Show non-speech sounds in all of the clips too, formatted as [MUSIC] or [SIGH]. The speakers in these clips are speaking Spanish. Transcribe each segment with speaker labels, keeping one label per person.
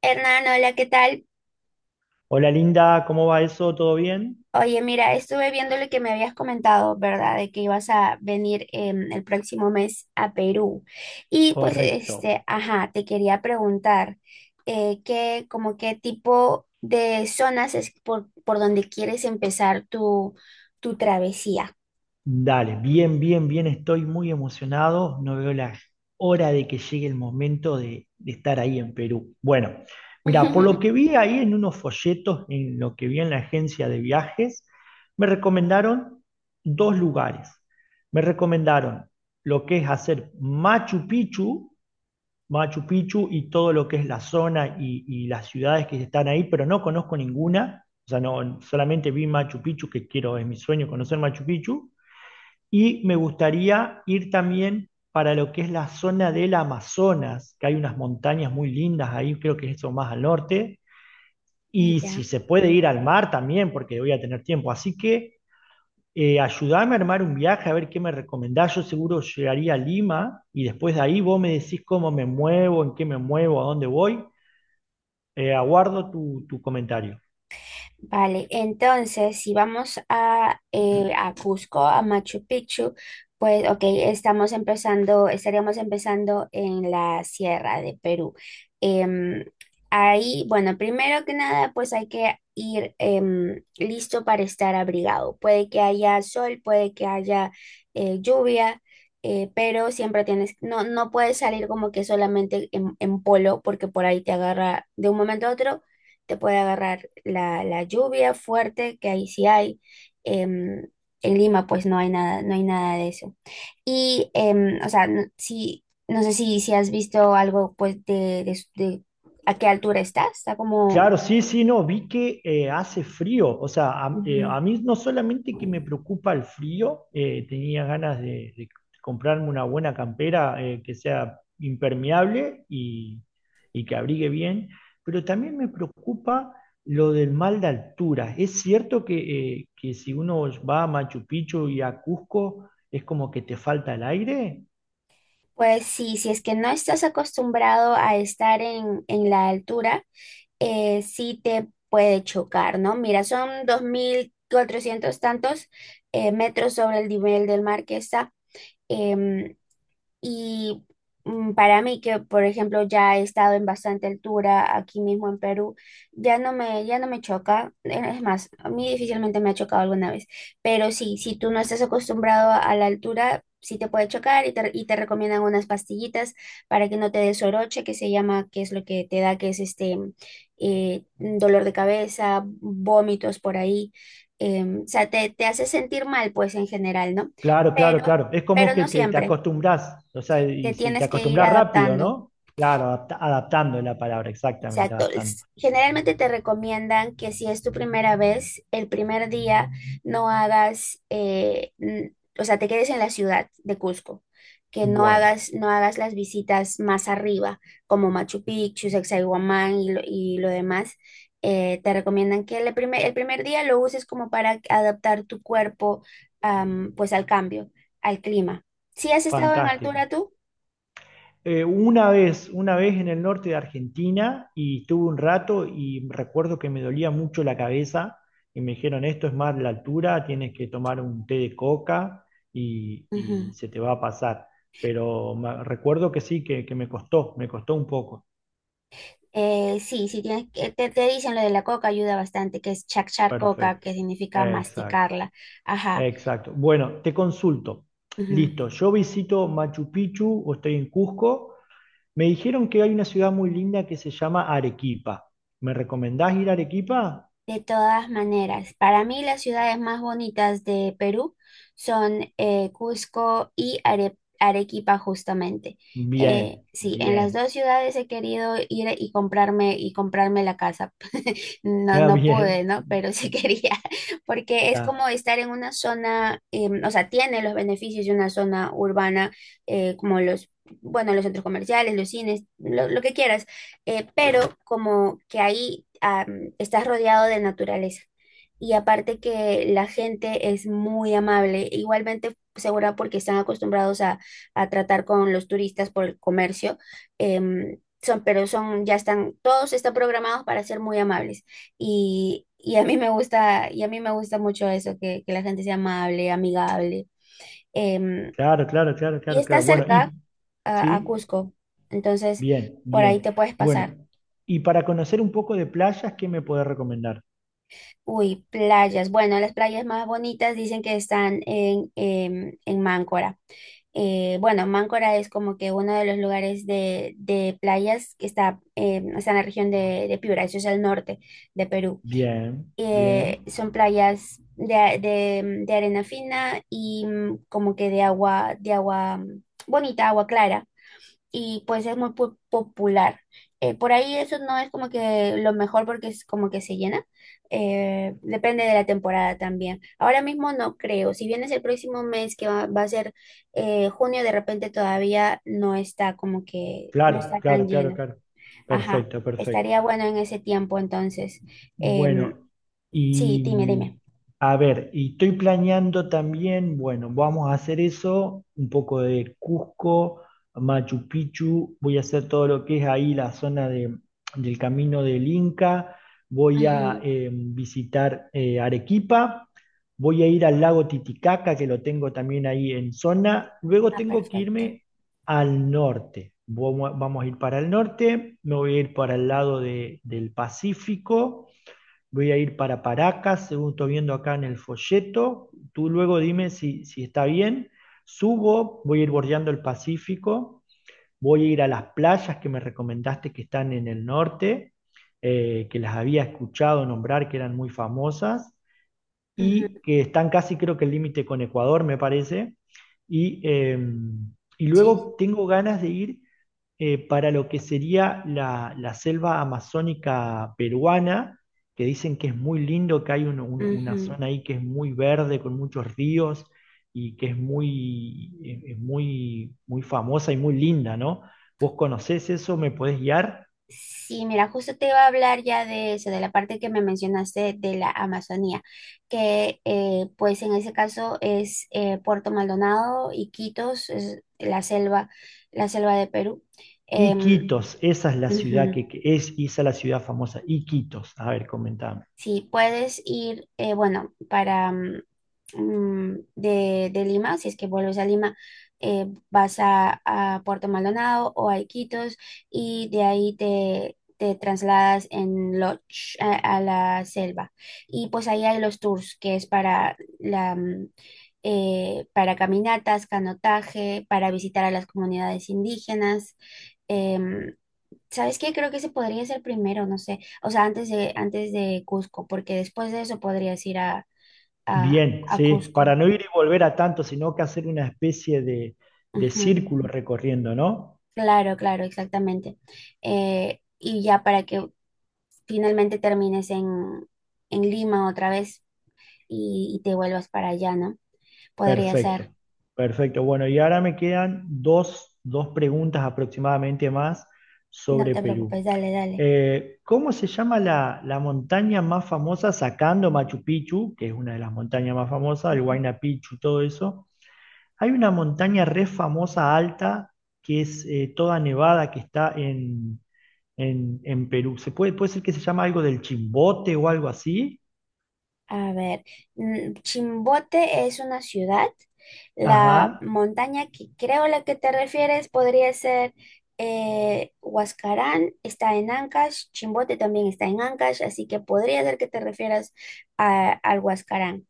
Speaker 1: Hernán, hola, ¿qué tal?
Speaker 2: Hola Linda, ¿cómo va eso? ¿Todo bien?
Speaker 1: Oye, mira, estuve viendo lo que me habías comentado, ¿verdad? De que ibas a venir el próximo mes a Perú. Y pues,
Speaker 2: Correcto.
Speaker 1: este, ajá, te quería preguntar, ¿como qué tipo de zonas es por donde quieres empezar tu travesía?
Speaker 2: Dale, bien, bien, bien, estoy muy emocionado. No veo la hora de que llegue el momento de estar ahí en Perú. Bueno, mira, por lo que
Speaker 1: [LAUGHS]
Speaker 2: vi ahí en unos folletos, en lo que vi en la agencia de viajes, me recomendaron dos lugares. Me recomendaron lo que es hacer Machu Picchu y todo lo que es la zona y las ciudades que están ahí, pero no conozco ninguna. O sea, no, solamente vi Machu Picchu, que quiero, es mi sueño conocer Machu Picchu. Y me gustaría ir también para lo que es la zona del Amazonas, que hay unas montañas muy lindas ahí, creo que es eso más al norte. Y si
Speaker 1: Ya.
Speaker 2: se puede ir al mar también, porque voy a tener tiempo. Así que ayudame a armar un viaje, a ver qué me recomendás. Yo seguro llegaría a Lima y después de ahí vos me decís cómo me muevo, en qué me muevo, a dónde voy. Aguardo tu comentario.
Speaker 1: Vale, entonces si vamos a Cusco, a Machu Picchu, pues ok, estaríamos empezando en la sierra de Perú. Em, ahí, bueno, primero que nada, pues hay que ir listo para estar abrigado. Puede que haya sol, puede que haya lluvia. Pero siempre tienes, no, no puedes salir como que solamente en polo, porque por ahí te agarra de un momento a otro te puede agarrar la lluvia fuerte, que ahí sí hay. em, en Lima pues no hay nada, no hay nada de eso. Y, o sea, no, si, no sé si has visto algo pues de a qué altura está como...
Speaker 2: Claro, sí, sí, no, vi que hace frío, o sea,
Speaker 1: ujú.
Speaker 2: a mí no solamente que me preocupa el frío, tenía ganas de comprarme una buena campera que sea impermeable y que abrigue bien, pero también me preocupa lo del mal de altura. Es cierto que si uno va a Machu Picchu y a Cusco, es como que te falta el aire.
Speaker 1: Pues sí, si es que no estás acostumbrado a estar en la altura, sí te puede chocar, ¿no? Mira, son 2400 tantos metros sobre el nivel del mar que está. Em, Y para mí, que por ejemplo ya he estado en bastante altura aquí mismo en Perú, ya no me choca. Es más, a mí difícilmente me ha chocado alguna vez. Pero sí, si tú no estás acostumbrado a la altura, sí te puede chocar y te recomiendan unas pastillitas para que no te des soroche, que se llama, que es lo que te da, que es este dolor de cabeza, vómitos por ahí. O sea, te hace sentir mal, pues en general, ¿no?
Speaker 2: Claro, claro,
Speaker 1: Pero,
Speaker 2: claro. Es como
Speaker 1: pero
Speaker 2: que
Speaker 1: no
Speaker 2: te
Speaker 1: siempre
Speaker 2: acostumbras, o sea,
Speaker 1: te
Speaker 2: y si te
Speaker 1: tienes que ir
Speaker 2: acostumbras rápido,
Speaker 1: adaptando.
Speaker 2: ¿no? Claro, adaptando es la palabra, exactamente,
Speaker 1: Exacto.
Speaker 2: adaptando.
Speaker 1: Generalmente te recomiendan que si es tu primera vez, el primer día no hagas, n- o sea, te quedes en la ciudad de Cusco, que no
Speaker 2: Bueno,
Speaker 1: hagas, no hagas las visitas más arriba, como Machu Picchu, Sacsayhuamán y lo demás. Te recomiendan que el primer día lo uses como para adaptar tu cuerpo, pues al cambio, al clima. ¿Si has estado en
Speaker 2: fantástico.
Speaker 1: altura tú?
Speaker 2: Una vez en el norte de Argentina y estuve un rato y recuerdo que me dolía mucho la cabeza y me dijeron, esto es más la altura, tienes que tomar un té de coca y
Speaker 1: Ujú.
Speaker 2: se te va a pasar. Pero recuerdo que sí, que me costó un poco.
Speaker 1: Sí, sí, te dicen lo de la coca ayuda bastante, que es chachar coca,
Speaker 2: Perfecto.
Speaker 1: que significa
Speaker 2: Exacto.
Speaker 1: masticarla. Ajá.
Speaker 2: Exacto. Bueno, te consulto.
Speaker 1: Ujú.
Speaker 2: Listo, yo visito Machu Picchu o estoy en Cusco. Me dijeron que hay una ciudad muy linda que se llama Arequipa. ¿Me recomendás ir a Arequipa?
Speaker 1: De todas maneras, para mí las ciudades más bonitas de Perú son Cusco y Arequipa justamente.
Speaker 2: Bien,
Speaker 1: Sí, en las
Speaker 2: bien.
Speaker 1: dos
Speaker 2: [LAUGHS]
Speaker 1: ciudades he querido ir y comprarme la casa. No,
Speaker 2: Ah,
Speaker 1: no pude,
Speaker 2: bien.
Speaker 1: ¿no? Pero sí [LAUGHS] quería, porque es
Speaker 2: Ah,
Speaker 1: como estar en una zona, o sea, tiene los beneficios de una zona urbana, eh, como los, bueno, los centros comerciales, los cines, lo que quieras, pero como que ahí ah, estás rodeado de naturaleza. Y aparte que la gente es muy amable, igualmente segura porque están acostumbrados a tratar con los turistas por el comercio. Em, son, pero son, ya están, todos están programados para ser muy amables. Y a mí me gusta, y a mí me gusta mucho eso, que la gente sea amable, amigable. Em,
Speaker 2: claro, claro, claro,
Speaker 1: y
Speaker 2: claro,
Speaker 1: está
Speaker 2: claro. Bueno,
Speaker 1: cerca
Speaker 2: y
Speaker 1: a
Speaker 2: sí,
Speaker 1: Cusco, entonces
Speaker 2: bien,
Speaker 1: por ahí
Speaker 2: bien.
Speaker 1: te puedes pasar.
Speaker 2: Bueno, y para conocer un poco de playas, ¿qué me podés recomendar?
Speaker 1: Uy, playas. Bueno, las playas más bonitas dicen que están en Máncora. Bueno, Máncora es como que uno de los lugares de playas que está en la región de Piura, eso es el norte de Perú.
Speaker 2: Bien,
Speaker 1: Eh,
Speaker 2: bien.
Speaker 1: son playas de arena fina y mm, como que de agua mm, bonita, agua clara, y pues es muy popular. Por ahí eso no es como que lo mejor porque es como que se llena. Depende de la temporada también. Ahora mismo no creo. Si vienes el próximo mes, que va a ser junio, de repente todavía no está como no
Speaker 2: Claro,
Speaker 1: está tan
Speaker 2: claro, claro,
Speaker 1: lleno.
Speaker 2: claro.
Speaker 1: Ajá.
Speaker 2: Perfecto, perfecto.
Speaker 1: Estaría bueno en ese tiempo entonces. Em,
Speaker 2: Bueno,
Speaker 1: sí,
Speaker 2: y
Speaker 1: dime, dime.
Speaker 2: a ver, y estoy planeando también, bueno, vamos a hacer eso, un poco de Cusco, Machu Picchu, voy a hacer todo lo que es ahí la del Camino del Inca, voy a
Speaker 1: Ujú.
Speaker 2: visitar Arequipa, voy a ir al lago Titicaca, que lo tengo también ahí en zona, luego
Speaker 1: Ah,
Speaker 2: tengo que
Speaker 1: perfecto.
Speaker 2: irme al norte, vamos, vamos a ir para el norte, me voy a ir para el lado del Pacífico. Voy a ir para Paracas, según estoy viendo acá en el folleto. Tú luego dime si, si está bien. Subo, voy a ir bordeando el Pacífico, voy a ir a las playas que me recomendaste que están en el norte, que las había escuchado nombrar, que eran muy famosas
Speaker 1: Ujú.
Speaker 2: y que están casi creo que el límite con Ecuador, me parece. Y, eh, y
Speaker 1: Sí,
Speaker 2: luego
Speaker 1: sí.
Speaker 2: tengo ganas de ir para lo que sería la selva amazónica peruana, que dicen que es muy lindo, que hay una
Speaker 1: Ujú.
Speaker 2: zona ahí que es muy verde, con muchos ríos y que es muy, es muy, muy famosa y muy linda, ¿no? ¿Vos conocés eso? ¿Me podés guiar?
Speaker 1: Sí, mira, justo te iba a hablar ya de eso, de la parte que me mencionaste de la Amazonía, que pues en ese caso es Puerto Maldonado, Iquitos, es la selva de Perú. Em,
Speaker 2: Iquitos, esa es la ciudad
Speaker 1: ujú.
Speaker 2: que es, esa es la ciudad famosa, Iquitos. A ver, comentame.
Speaker 1: Sí, puedes ir, bueno, para mm, mm, de Lima, si es que vuelves a Lima, vas a Puerto Maldonado o a Iquitos y de ahí te trasladas en Lodge a la selva. Y pues ahí hay los tours, que es para caminatas, canotaje, para visitar a las comunidades indígenas. em, ¿Sabes qué? Creo que ese podría ser primero, no sé. O sea, antes de Cusco, porque después de eso podrías ir
Speaker 2: Bien,
Speaker 1: a
Speaker 2: sí, para
Speaker 1: Cusco.
Speaker 2: no ir y volver a tanto, sino que hacer una especie de
Speaker 1: Ujú.
Speaker 2: círculo recorriendo, ¿no?
Speaker 1: Claro, claro, exactamente. Y ya para que finalmente termines en Lima otra vez y te vuelvas para allá, ¿no? Podría ser.
Speaker 2: Perfecto, perfecto. Bueno, y ahora me quedan dos, dos preguntas aproximadamente más
Speaker 1: No
Speaker 2: sobre
Speaker 1: te
Speaker 2: Perú.
Speaker 1: preocupes, dale, dale.
Speaker 2: ¿Cómo se llama la montaña más famosa, sacando Machu Picchu, que es una de las montañas más famosas, el
Speaker 1: Ujú.
Speaker 2: Huayna Picchu, todo eso? Hay una montaña re famosa alta, que es toda nevada, que está en Perú. ¿Se puede, puede ser que se llama algo del Chimbote o algo así?
Speaker 1: A ver, mm, Chimbote es una ciudad. La
Speaker 2: Ajá.
Speaker 1: montaña que creo a la que te refieres podría ser Huascarán, está en Ancash, Chimbote también está en Ancash, así que podría ser que te refieras al Huascarán.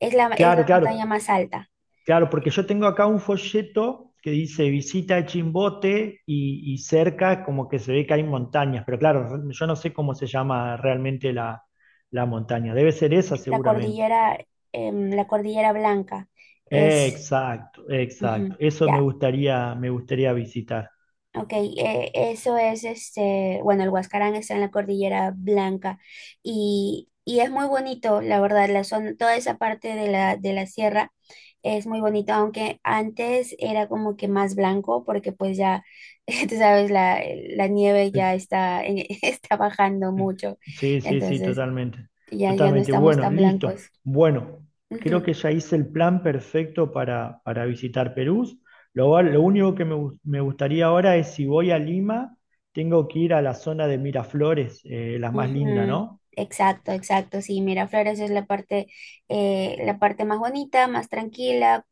Speaker 1: Es la
Speaker 2: Claro, claro,
Speaker 1: montaña más alta,
Speaker 2: claro, porque yo tengo acá un folleto que dice visita el Chimbote y cerca como que se ve que hay montañas, pero claro, yo no sé cómo se llama realmente la, la montaña. Debe ser esa
Speaker 1: la
Speaker 2: seguramente.
Speaker 1: cordillera, la cordillera Blanca. Es,
Speaker 2: Exacto, exacto.
Speaker 1: ujú,
Speaker 2: Eso
Speaker 1: ya.
Speaker 2: me gustaría visitar.
Speaker 1: Ok, eso es este, bueno, el Huascarán está en la Cordillera Blanca y es muy bonito, la verdad, la zona, toda esa parte de la sierra es muy bonito, aunque antes era como que más blanco porque pues ya, [LAUGHS] tú sabes, la nieve ya [LAUGHS] está bajando mucho,
Speaker 2: Sí, sí, sí,
Speaker 1: entonces
Speaker 2: totalmente.
Speaker 1: ya, ya no
Speaker 2: Totalmente.
Speaker 1: estamos
Speaker 2: Bueno,
Speaker 1: tan
Speaker 2: listo.
Speaker 1: blancos.
Speaker 2: Bueno, creo
Speaker 1: Ujú.
Speaker 2: que ya hice el plan perfecto para visitar Perú. Lo, lo único que me, me gustaría ahora es si voy a Lima, tengo que ir a la zona de Miraflores, la más linda,
Speaker 1: Ujú.
Speaker 2: ¿no?
Speaker 1: Exacto, exacto. Sí, Miraflores es la parte más bonita, más tranquila.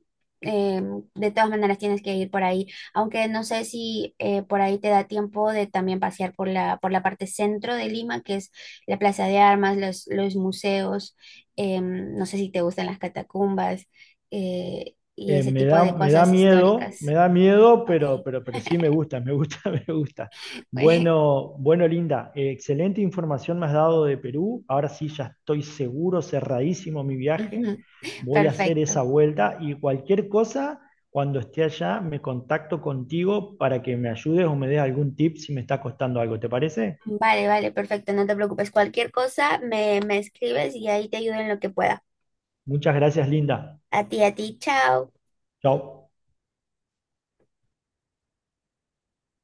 Speaker 1: Eh, de todas maneras tienes que ir por ahí, aunque no sé si por ahí te da tiempo de también pasear por la parte centro de Lima, que es la Plaza de Armas, los museos, em, no sé si te gustan las catacumbas y ese tipo de cosas históricas.
Speaker 2: Me da miedo,
Speaker 1: Ok.
Speaker 2: pero sí me gusta, [LAUGHS] me gusta.
Speaker 1: [LAUGHS]
Speaker 2: Bueno, bueno, Linda, excelente información me has dado de Perú. Ahora sí ya estoy seguro, cerradísimo mi viaje.
Speaker 1: Ujú.
Speaker 2: Voy a hacer
Speaker 1: Perfecto.
Speaker 2: esa vuelta y cualquier cosa, cuando esté allá, me contacto contigo para que me ayudes o me des algún tip si me está costando algo. ¿Te parece?
Speaker 1: Vale, vale, perfecto, no te preocupes. Cualquier cosa me escribes y ahí te ayudo en lo que pueda.
Speaker 2: Muchas gracias, Linda.
Speaker 1: A ti, chao.
Speaker 2: Chao.